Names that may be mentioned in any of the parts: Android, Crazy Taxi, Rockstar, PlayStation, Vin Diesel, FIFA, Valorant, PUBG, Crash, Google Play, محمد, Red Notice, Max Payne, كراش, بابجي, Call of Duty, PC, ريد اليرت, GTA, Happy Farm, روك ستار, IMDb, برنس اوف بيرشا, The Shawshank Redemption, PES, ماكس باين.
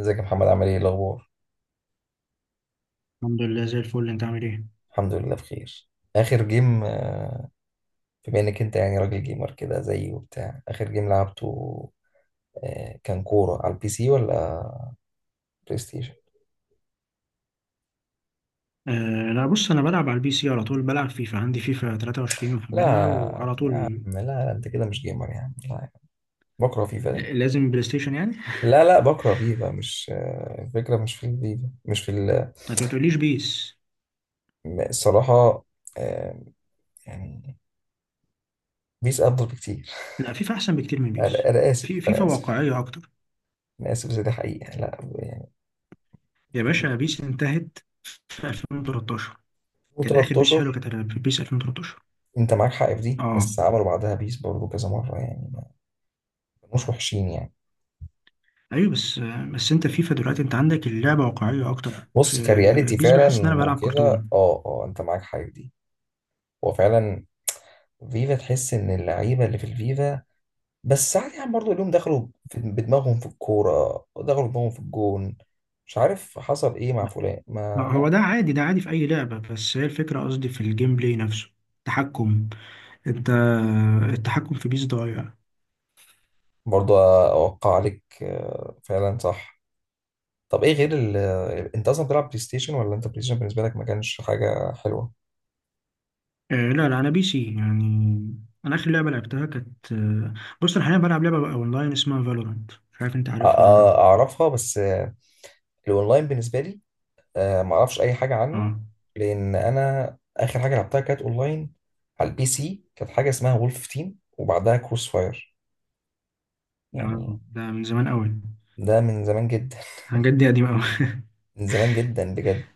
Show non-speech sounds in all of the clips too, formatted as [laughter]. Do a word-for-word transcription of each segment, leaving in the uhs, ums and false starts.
ازيك يا محمد، عامل ايه؟ إيه الاخبار؟ الحمد لله زي الفل. انت عامل ايه؟ الحمد لله بخير. اخر جيم؟ آه، بما انك انت يعني راجل جيمر كده زيي وبتاع. اخر جيم لعبته آه، كان كوره على البي سي ولا بلاي ستيشن؟ آه لا، بص انا بلعب على البي سي على طول. بلعب فيفا، عندي فيفا تلاتة وعشرين محملها لا وعلى طول. لا لا، انت كده مش جيمر يعني، لا. بكره فيفا ده. آه، لازم بلاي ستيشن يعني. لا لا، بكره فيفا، مش آه، الفكره، مش في الفيفا، مش في ال- انت ما تقوليش بيس؟ الصراحه. آه، يعني بيس افضل بكتير. لا، فيفا احسن بكتير من بيس. انا انا في اسف فيفا انا اسف واقعية اكتر. انا اسف بس دي حقيقه، لا يعني. يا باشا، بيس انتهت في ألفين وتلتاشر. كان اخر بيس حلو، ألفين وتلتاشر. كانت بيس ألفين وتلتاشر. انت معاك حق في دي، اه، بس عملوا بعدها بيس برضه كذا مره يعني، ما كانوش وحشين يعني. ايوه، بس آه، بس انت فيفا دلوقتي انت عندك اللعبة واقعية اكتر. في بص، كرياليتي بيس بحس فعلا ان انا بلعب وكده، كرتون. اه اه، انت معاك حق في دي. هو فعلا فيفا تحس ان اللعيبه اللي في الفيفا، بس ساعات يعني برضه اليوم دخلوا في- بدماغهم في الكوره، ودخلوا بدماغهم في الجون، مش عارف حصل ايه مع فلان، لا، ما، هو لا. ده عادي، ده عادي في اي لعبة. بس هي الفكرة، قصدي في الجيم بلاي نفسه. تحكم انت التحكم في بيس ضايع. برضه اوقع عليك، آه، فعلا صح. طب ايه غير ال... انت اصلا بتلعب بلاي ستيشن، ولا انت بلاي ستيشن بالنسبه لك ما كانش حاجه حلوه؟ آه لا لا، انا بي سي يعني. انا اخر لعبه لعبتها كانت آه، بص انا حاليا بلعب لعبه بقى اونلاين اسمها فالورانت. مش عارف انت أ- عارفها ولا لا. أ- اعرفها، بس الاونلاين بالنسبه لي آه، ما اعرفش اي حاجه عنه. اه. لان انا اخر حاجه لعبتها كانت اونلاين، على البي سي، كانت حاجه اسمها وولف تيم وبعدها كروس فاير آه، يعني. ده من زمان قوي. ده من زمان جدا. حاجات دي قديمه قوي. [laughs] من زمان جدا بجد.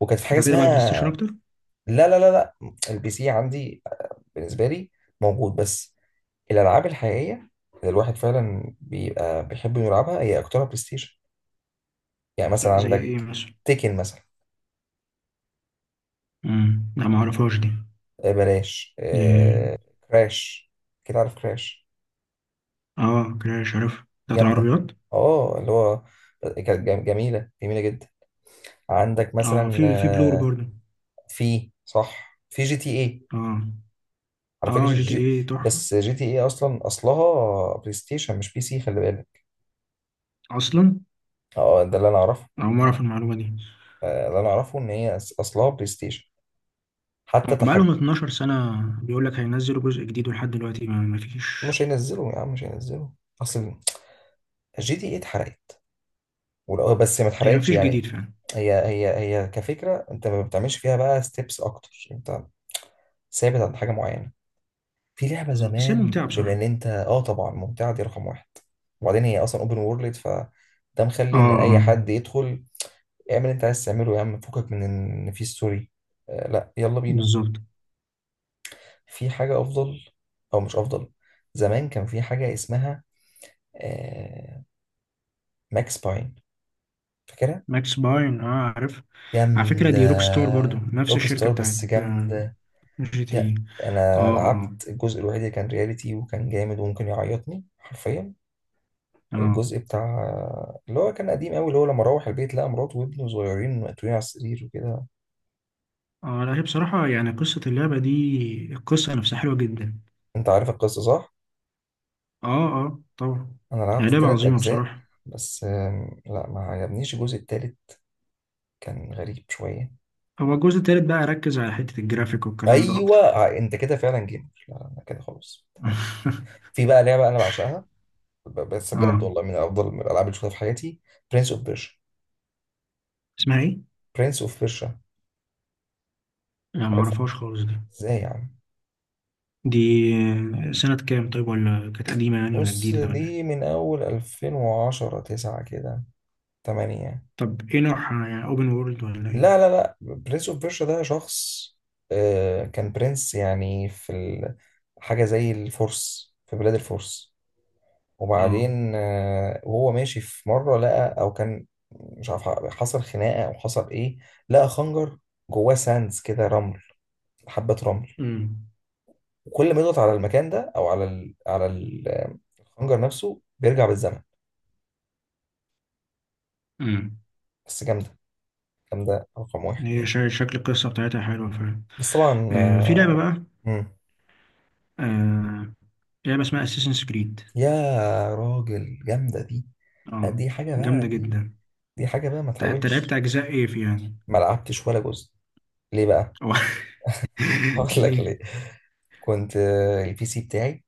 وكانت في [laughs] حاجه انت بتلعب اسمها، على البلاي ستيشن اكتر؟ لا لا لا لا. البي سي عندي بالنسبه لي موجود بس، الالعاب الحقيقيه اللي الواحد فعلا بيبقى بيحب إنه يلعبها هي اكترها بلاي ستيشن. يعني مثلا طب زي ايه عندك مثلا؟ تيكن مثلا، امم لا، ما اعرفهاش دي. آه، بلاش إيه، آه، كراش، كده عارف كراش؟ اه، كراش، عارف بتاعت جامدة. العربيات. اه اللي هو، كانت جم- جميلة جميلة جدا. عندك اه، مثلا في في بلور آه، برضه. في، صح، في جي تي اي. اه على اه، فكرة جي تي جي، ايه تحفه. بس جي تي اي اصلا اصلها بلاي ستيشن مش بي سي، خلي بالك. اصلا اه ده اللي انا اعرفه. اول مره اعرف المعلومه دي. آه، اللي انا اعرفه ان هي أص- اصلها بلاي ستيشن، حتى بقالهم تحكم. 12 سنة بيقول لك هينزلوا جزء جديد ولحد دلوقتي ما ما فيش. مش هينزلوا يا عم، مش هينزلوا. اصل جي تي اي اتحرقت، ولو- بس ما هي ما اتحرقتش فيش يعني. جديد فعلا. هي هي هي كفكرة انت ما بتعملش فيها بقى ستيبس اكتر، انت ثابت عند حاجة معينة. في لعبة بالظبط، بس هي زمان، ممتعة بما ان بصراحة. انت اه طبعا ممتعة دي رقم واحد. وبعدين هي اصلا اوبن وورلد، فده اه مخلي ان اي اه. حد يدخل اعمل اللي انت عايز تعمله يا عم، فكك من ان في ستوري. آه لا، يلا بينا. بالظبط. في حاجة افضل، او مش افضل، زمان كان في حاجة اسمها آه ماكس باين، فاكرها؟ ماكس باين، اه، عارف. على فكرة جامدة. دي روك ستار، برضو نفس روك الشركة ستار، بتاعت بس آه، جامدة. جي تي جا- اي. اه انا لعبت اه الجزء الوحيد اللي كان رياليتي وكان جامد وممكن يعيطني حرفيا. اه الجزء بتاع اللي هو كان قديم قوي، اللي هو لما روح البيت لقى مراته وابنه صغيرين مقتولين على السرير وكده. اه. لا، هي بصراحة يعني قصة اللعبة دي، القصة نفسها حلوة جدا. انت عارف القصة صح؟ اه اه طبعا. انا لعبت هي لعبة التلات عظيمة اجزاء، بصراحة. بس آم، لا، ما عجبنيش الجزء التالت، كان غريب شوية. هو الجزء التالت بقى ركز على حتة الجرافيك والكلام ده ايوه أكتر. ع- انت كده فعلا جيمر، لا انا كده خلاص تمام. [laughs] في بقى لعبة انا بعشقها، ب- بس بجد اه، والله من افضل من الالعاب اللي شفتها في حياتي. برنس اوف بيرشا. اسمها ايه؟ برنس اوف بيرشا، لا عارفها، معرفهاش خالص دي. ازاي يا عم؟ دي سنة كام طيب؟ ولا كانت قديمة يعني، ولا بص جديدة، ولا دي إيه؟ من اول ألفين وعشرة، تسعة كده، تمانية. طب ايه نوعها؟ يعني اوبن وورلد ولا ايه؟ لا لا لا، برنس اوف بيرشا ده شخص، آه، كان برنس يعني في ال- حاجة زي الفرس، في بلاد الفرس. اه. وبعدين آه، وهو ماشي في مرة لقى أو كان، مش عارف حصل خناقة أو حصل إيه، لقى خنجر جواه ساندز كده، رمل، حبة رمل. امم وكل ما يضغط على المكان ده أو على ال على ال- آه، الخنجر نفسه بيرجع بالزمن. امم بس جامدة، جامدة رقم واحد هي يعني. شا- شكل القصة بتاعتها حلوة فعلا. بس طبعا آه في لعبة آه، بقى. مم. آه لعبة اسمها اساسنز كريد. يا راجل جامدة دي. لا اه، دي حاجة بقى جامدة دي، جدا. دي حاجة بقى ما ت- انت لعبت تحاولش. اجزاء ايه في يعني؟ ما لعبتش ولا جزء. ليه بقى؟ أو. [laughs] هقول [laughs] لك ليه؟ ليه. كنت آه، البي سي بتاعي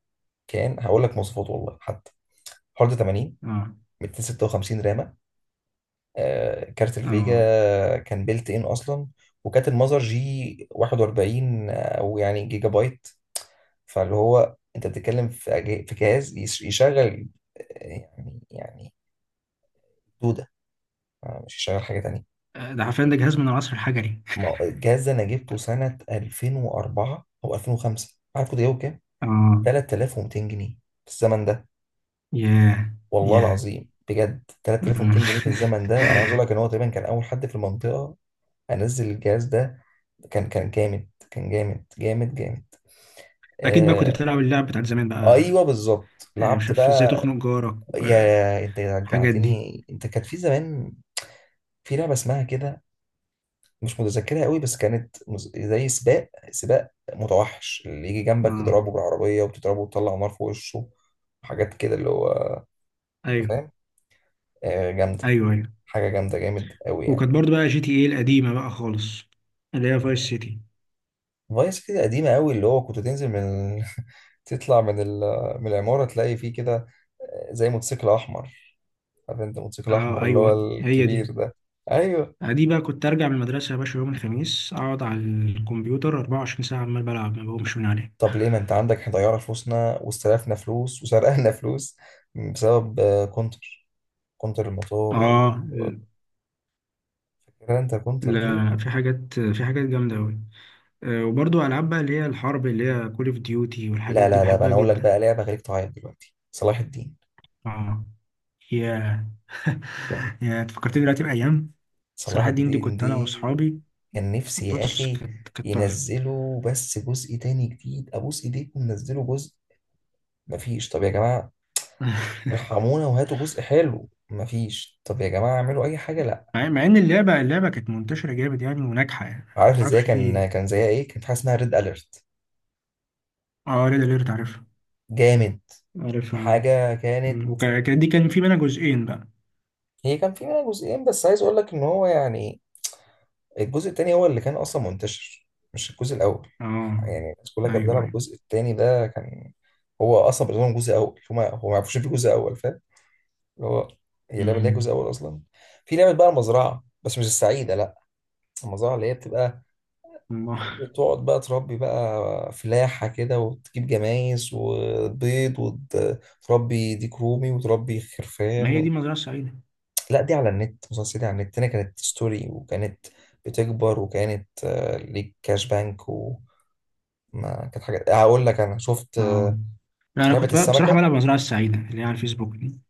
كان، هقول لك مواصفات والله حتى: هارد ثمانين، اه ميتين وستة وخمسين رامة، آه، كارت الفيجا اه. كان بيلت ان اصلا، وكانت المذر جي واحد واربعين او يعني جيجا بايت. فاللي هو انت بتتكلم في أجه- في جهاز يش- يشغل آه، يعني يعني دودة، آه، مش يشغل حاجة. آه، ده حرفيا، ده جهاز من العصر الحجري. ما- الجهاز ده انا جبته سنة ألفين واربعة او ألفين وخمسة، عارف كنت جايبه بكام؟ اه. تلاتلاف ومتين جنيه في الزمن ده. ياه. والله ياه. العظيم بجد، أمم. تلاتلاف ومتين جنيه في الزمن ده. انا عايز اقول لك ان هو [laughs] تقريبا كان اول حد في المنطقة انزل الجهاز ده. كان كان جامد، كان جامد جامد جامد. اكيد بقى كنت آه. بتلعب اللعب بتاعت زمان بقى. ايوه بالظبط، آه، مش لعبت عارف ازاي بقى. تخنق جارك، يا انت والحاجات دي. رجعتني، انت كانت في زمان في لعبه اسمها كده، مش متذكرها قوي، بس كانت مز- زي سباق، سباق متوحش، اللي يجي جنبك اه. تضربه بالعربية وتضربه وتطلع نار في وشه، حاجات كده، اللي هو أنت ايوه فاهم، آه، جامدة. ايوه ايوه. حاجة جامدة، جامد قوي يعني. وكانت برضو بقى جي تي ايه القديمه بقى خالص، اللي هي فايس سيتي. فايس كده قديمة قوي، اللي هو كنت تنزل من ال- [laughs] تطلع من ال... من العمارة تلاقي فيه كده آه، زي موتوسيكل أحمر. عارف أنت موتوسيكل اه، أحمر اللي هو ايوه هي دي. الكبير ده؟ أيوه. آه، دي بقى كنت ارجع من المدرسه يا باشا يوم الخميس، اقعد على الكمبيوتر 24 ساعه عمال بلعب ما بقومش من عليه. طب ليه ما أنت عندك، ضيعنا فلوسنا واستلفنا فلوس وسرقنا [laughs] فلوس بسبب آه، كونتر. كونتر الموتور، اه. جرانتا كونتر دي. لا، في حاجات في حاجات جامده قوي. آه وبرضو العاب بقى اللي هي الحرب، اللي هي كول اوف ديوتي والحاجات لا دي، لا لا بقى، بحبها انا اقول لك جدا. بقى لعبه خليك تعيط دلوقتي: صلاح الدين. اه. يا. [laughs] يا، فكرتني دلوقتي بايام صلاح صراحه الدين. دي الدين كنت انا دي، واصحابي، كان نفسي يا بص اخي كانت كانت تحفة. ينزلوا بس جزء تاني جديد، ابوس ايديكم نزلوا جزء. مفيش، طب يا جماعه [laughs] ارحمونا وهاتوا جزء حلو. مفيش، طب يا جماعه اعملوا اي حاجه، لا. مع مع ان اللعبة اللعبة كانت منتشرة جامد يعني، وناجحة يعني، عارف ازاي؟ معرفش في كان ايه. كان زيها ايه، كان في حاجه اسمها ريد اليرت. اه، ريد اليرت، عارفها. جامد. عارفها. حاجه كانت، ودي كان في منها جزئين بقى. هي كان في منها جزئين، بس عايز اقول لك ان هو يعني الجزء التاني هو اللي كان اصلا منتشر، مش الجزء الاول. اه. يعني الناس كلها كانت ايوه بتلعب ايوه. الجزء التاني ده، كان هو اصلا بالنسبه لهم جزء اول، هما هو ما يعرفوش في جزء اول، فاهم؟ اللي هو هي لعبه اللي هي مم. جزء اول اصلا. في لعبه بقى المزرعه، بس مش السعيده، لا. المزرعه اللي هي بتبقى، ما بتقعد بقى تربي بقى فلاحه كده، وتجيب جمايز وبيض وتربي ديك رومي وتربي ما خرفان هي دي و... مزرعة سعيدة. لا دي على النت مسلسل، دي على النت، هنا كانت ستوري وكانت بتكبر، وكانت آه، ليك كاش بانك، ما كانت حاجة، هقول لك انا شفت اه، آه، لا، انا لعبة كنت بقى بصراحة السمكة، بلعب مزرعة السعيدة اللي هي على الفيسبوك دي.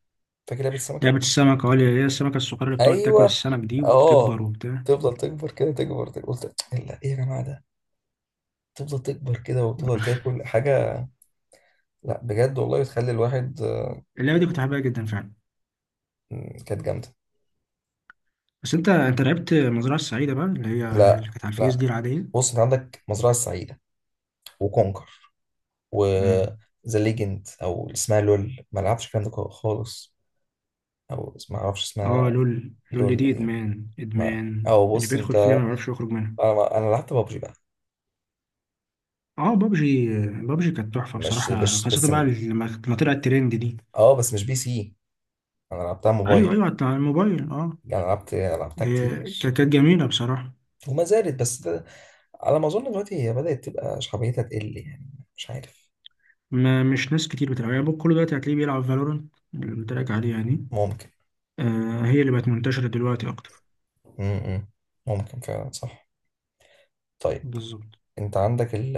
فاكر لعبة لعبة السمكة؟ السمك، اه، اللي هي السمكة الصغيرة اللي بتقعد تاكل ايوه. السمك دي اه. وبتكبر وبتاع. تفضل تكبر كده، تكبر تكبر. قلت لا ايه يا جماعة ده، تفضل تكبر كده وتفضل تاكل حاجة. لا بجد والله بتخلي الواحد آه، اللعبة دي كنت حاببها جدا فعلا. م، كانت جامدة. بس انت انت لعبت مزرعة السعيدة بقى اللي هي، لا اللي كانت على الفيس لا، دي العادية. بص انت عندك مزرعة السعيدة، وكونكر، وذا مم. ليجند او اللي اسمها لول، ما لعبش الكلام ده خالص، او ما اعرفش اه، اسمها. لول لول لول دي دي ادمان ما، ادمان، او اللي بص بيدخل انت، فيها ما يعرفش يخرج منها. انا انا لعبت بابجي بقى. اه، بابجي، بابجي كانت تحفه مش بصراحه، مش خاصه بس بقى لما لما طلعت ترند دي. اه، بس مش بي سي، انا لعبتها ايوه موبايل. ايوه على الموبايل اه. يعني لعبت، لعبتها إيه، ك- كتير كانت جميله بصراحه. وما زالت، بس ده على ما اظن دلوقتي هي بدأت تبقى شعبيتها تقل يعني، مش عارف. ما مش ناس كتير بتلعبها يعني. كل دلوقتي هتلاقيه بيلعب فالورنت اللي قلت لك عليها دي. ممكن. آه هي اللي بقت منتشره دلوقتي اكتر. امم ممكن فعلا صح. طيب، بالظبط. انت عندك ال،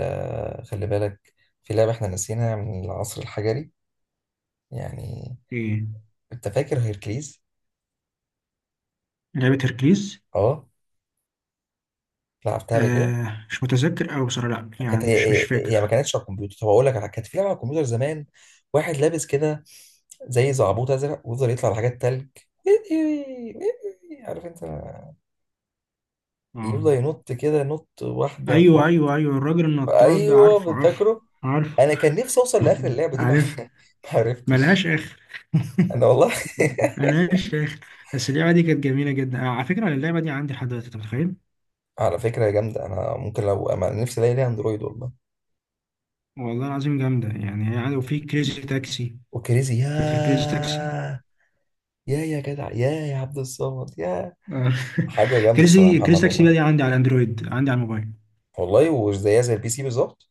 خلي بالك، في لعبة احنا نسيناها من العصر الحجري يعني، ايه؟ انت فاكر هيركليز؟ لعبه هيركليز. اه، لعبتها قبل كده. آه مش متذكر قوي بصراحه، لا كانت يعني، هي مش مش هي هي ما فاكر. كانتش على الكمبيوتر، طب اقول لك على- كانت في لعبه على الكمبيوتر زمان، واحد لابس كده زي زعبوط ازرق، ويفضل يطلع لحاجات تلج [laughs] عارف انت، اه، يفضل ينط كده، نط واحده في ايوه واحده. ايوه ايوه، الراجل النطاط ده، ايوه عارفه عارفه بتفكره. عارفه، انا كان نفسي اوصل لاخر اللعبه دي، ما عارف. [laughs] ما عرفتش. ملهاش اخر. انا والله [laughs] [laughs] ملهاش اخر. بس اللعبه دي كانت جميله جدا. آه، على فكره اللعبه دي عندي لحد دلوقتي، انت متخيل. على فكره يا جامده، انا ممكن لو انا نفسي الاقي ليها اندرويد والله. والله العظيم جامده يعني، هي عندي، وفي كريزي تاكسي. وكريزي، يا فاكر كريزي تاكسي؟ يا يا جدع، يا يا عبد الصمد يا. آه. حاجه [laughs] جامده الصراحه يا كريزي كريزي محمد تاكسي بقى والله. دي عندي على اندرويد، عندي على الموبايل. والله وزيها زي البي سي بالظبط.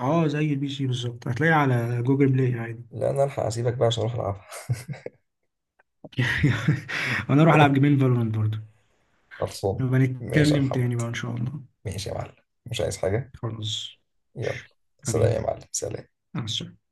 اه، زي البي سي بالظبط، هتلاقيها على جوجل بلاي عادي. لا انا الحق اسيبك بقى عشان اروح العبها. [laughs] وانا اروح العب [laughs] جيمين فالورانت برضه. خلصان. نبقى ماشي يا نتكلم محمد. تاني بقى ان شاء الله. ماشي يا معلم. مش عايز حاجة. خلاص. يلا. سلام حبيبي. يا معلم، سلام. مع السلامه.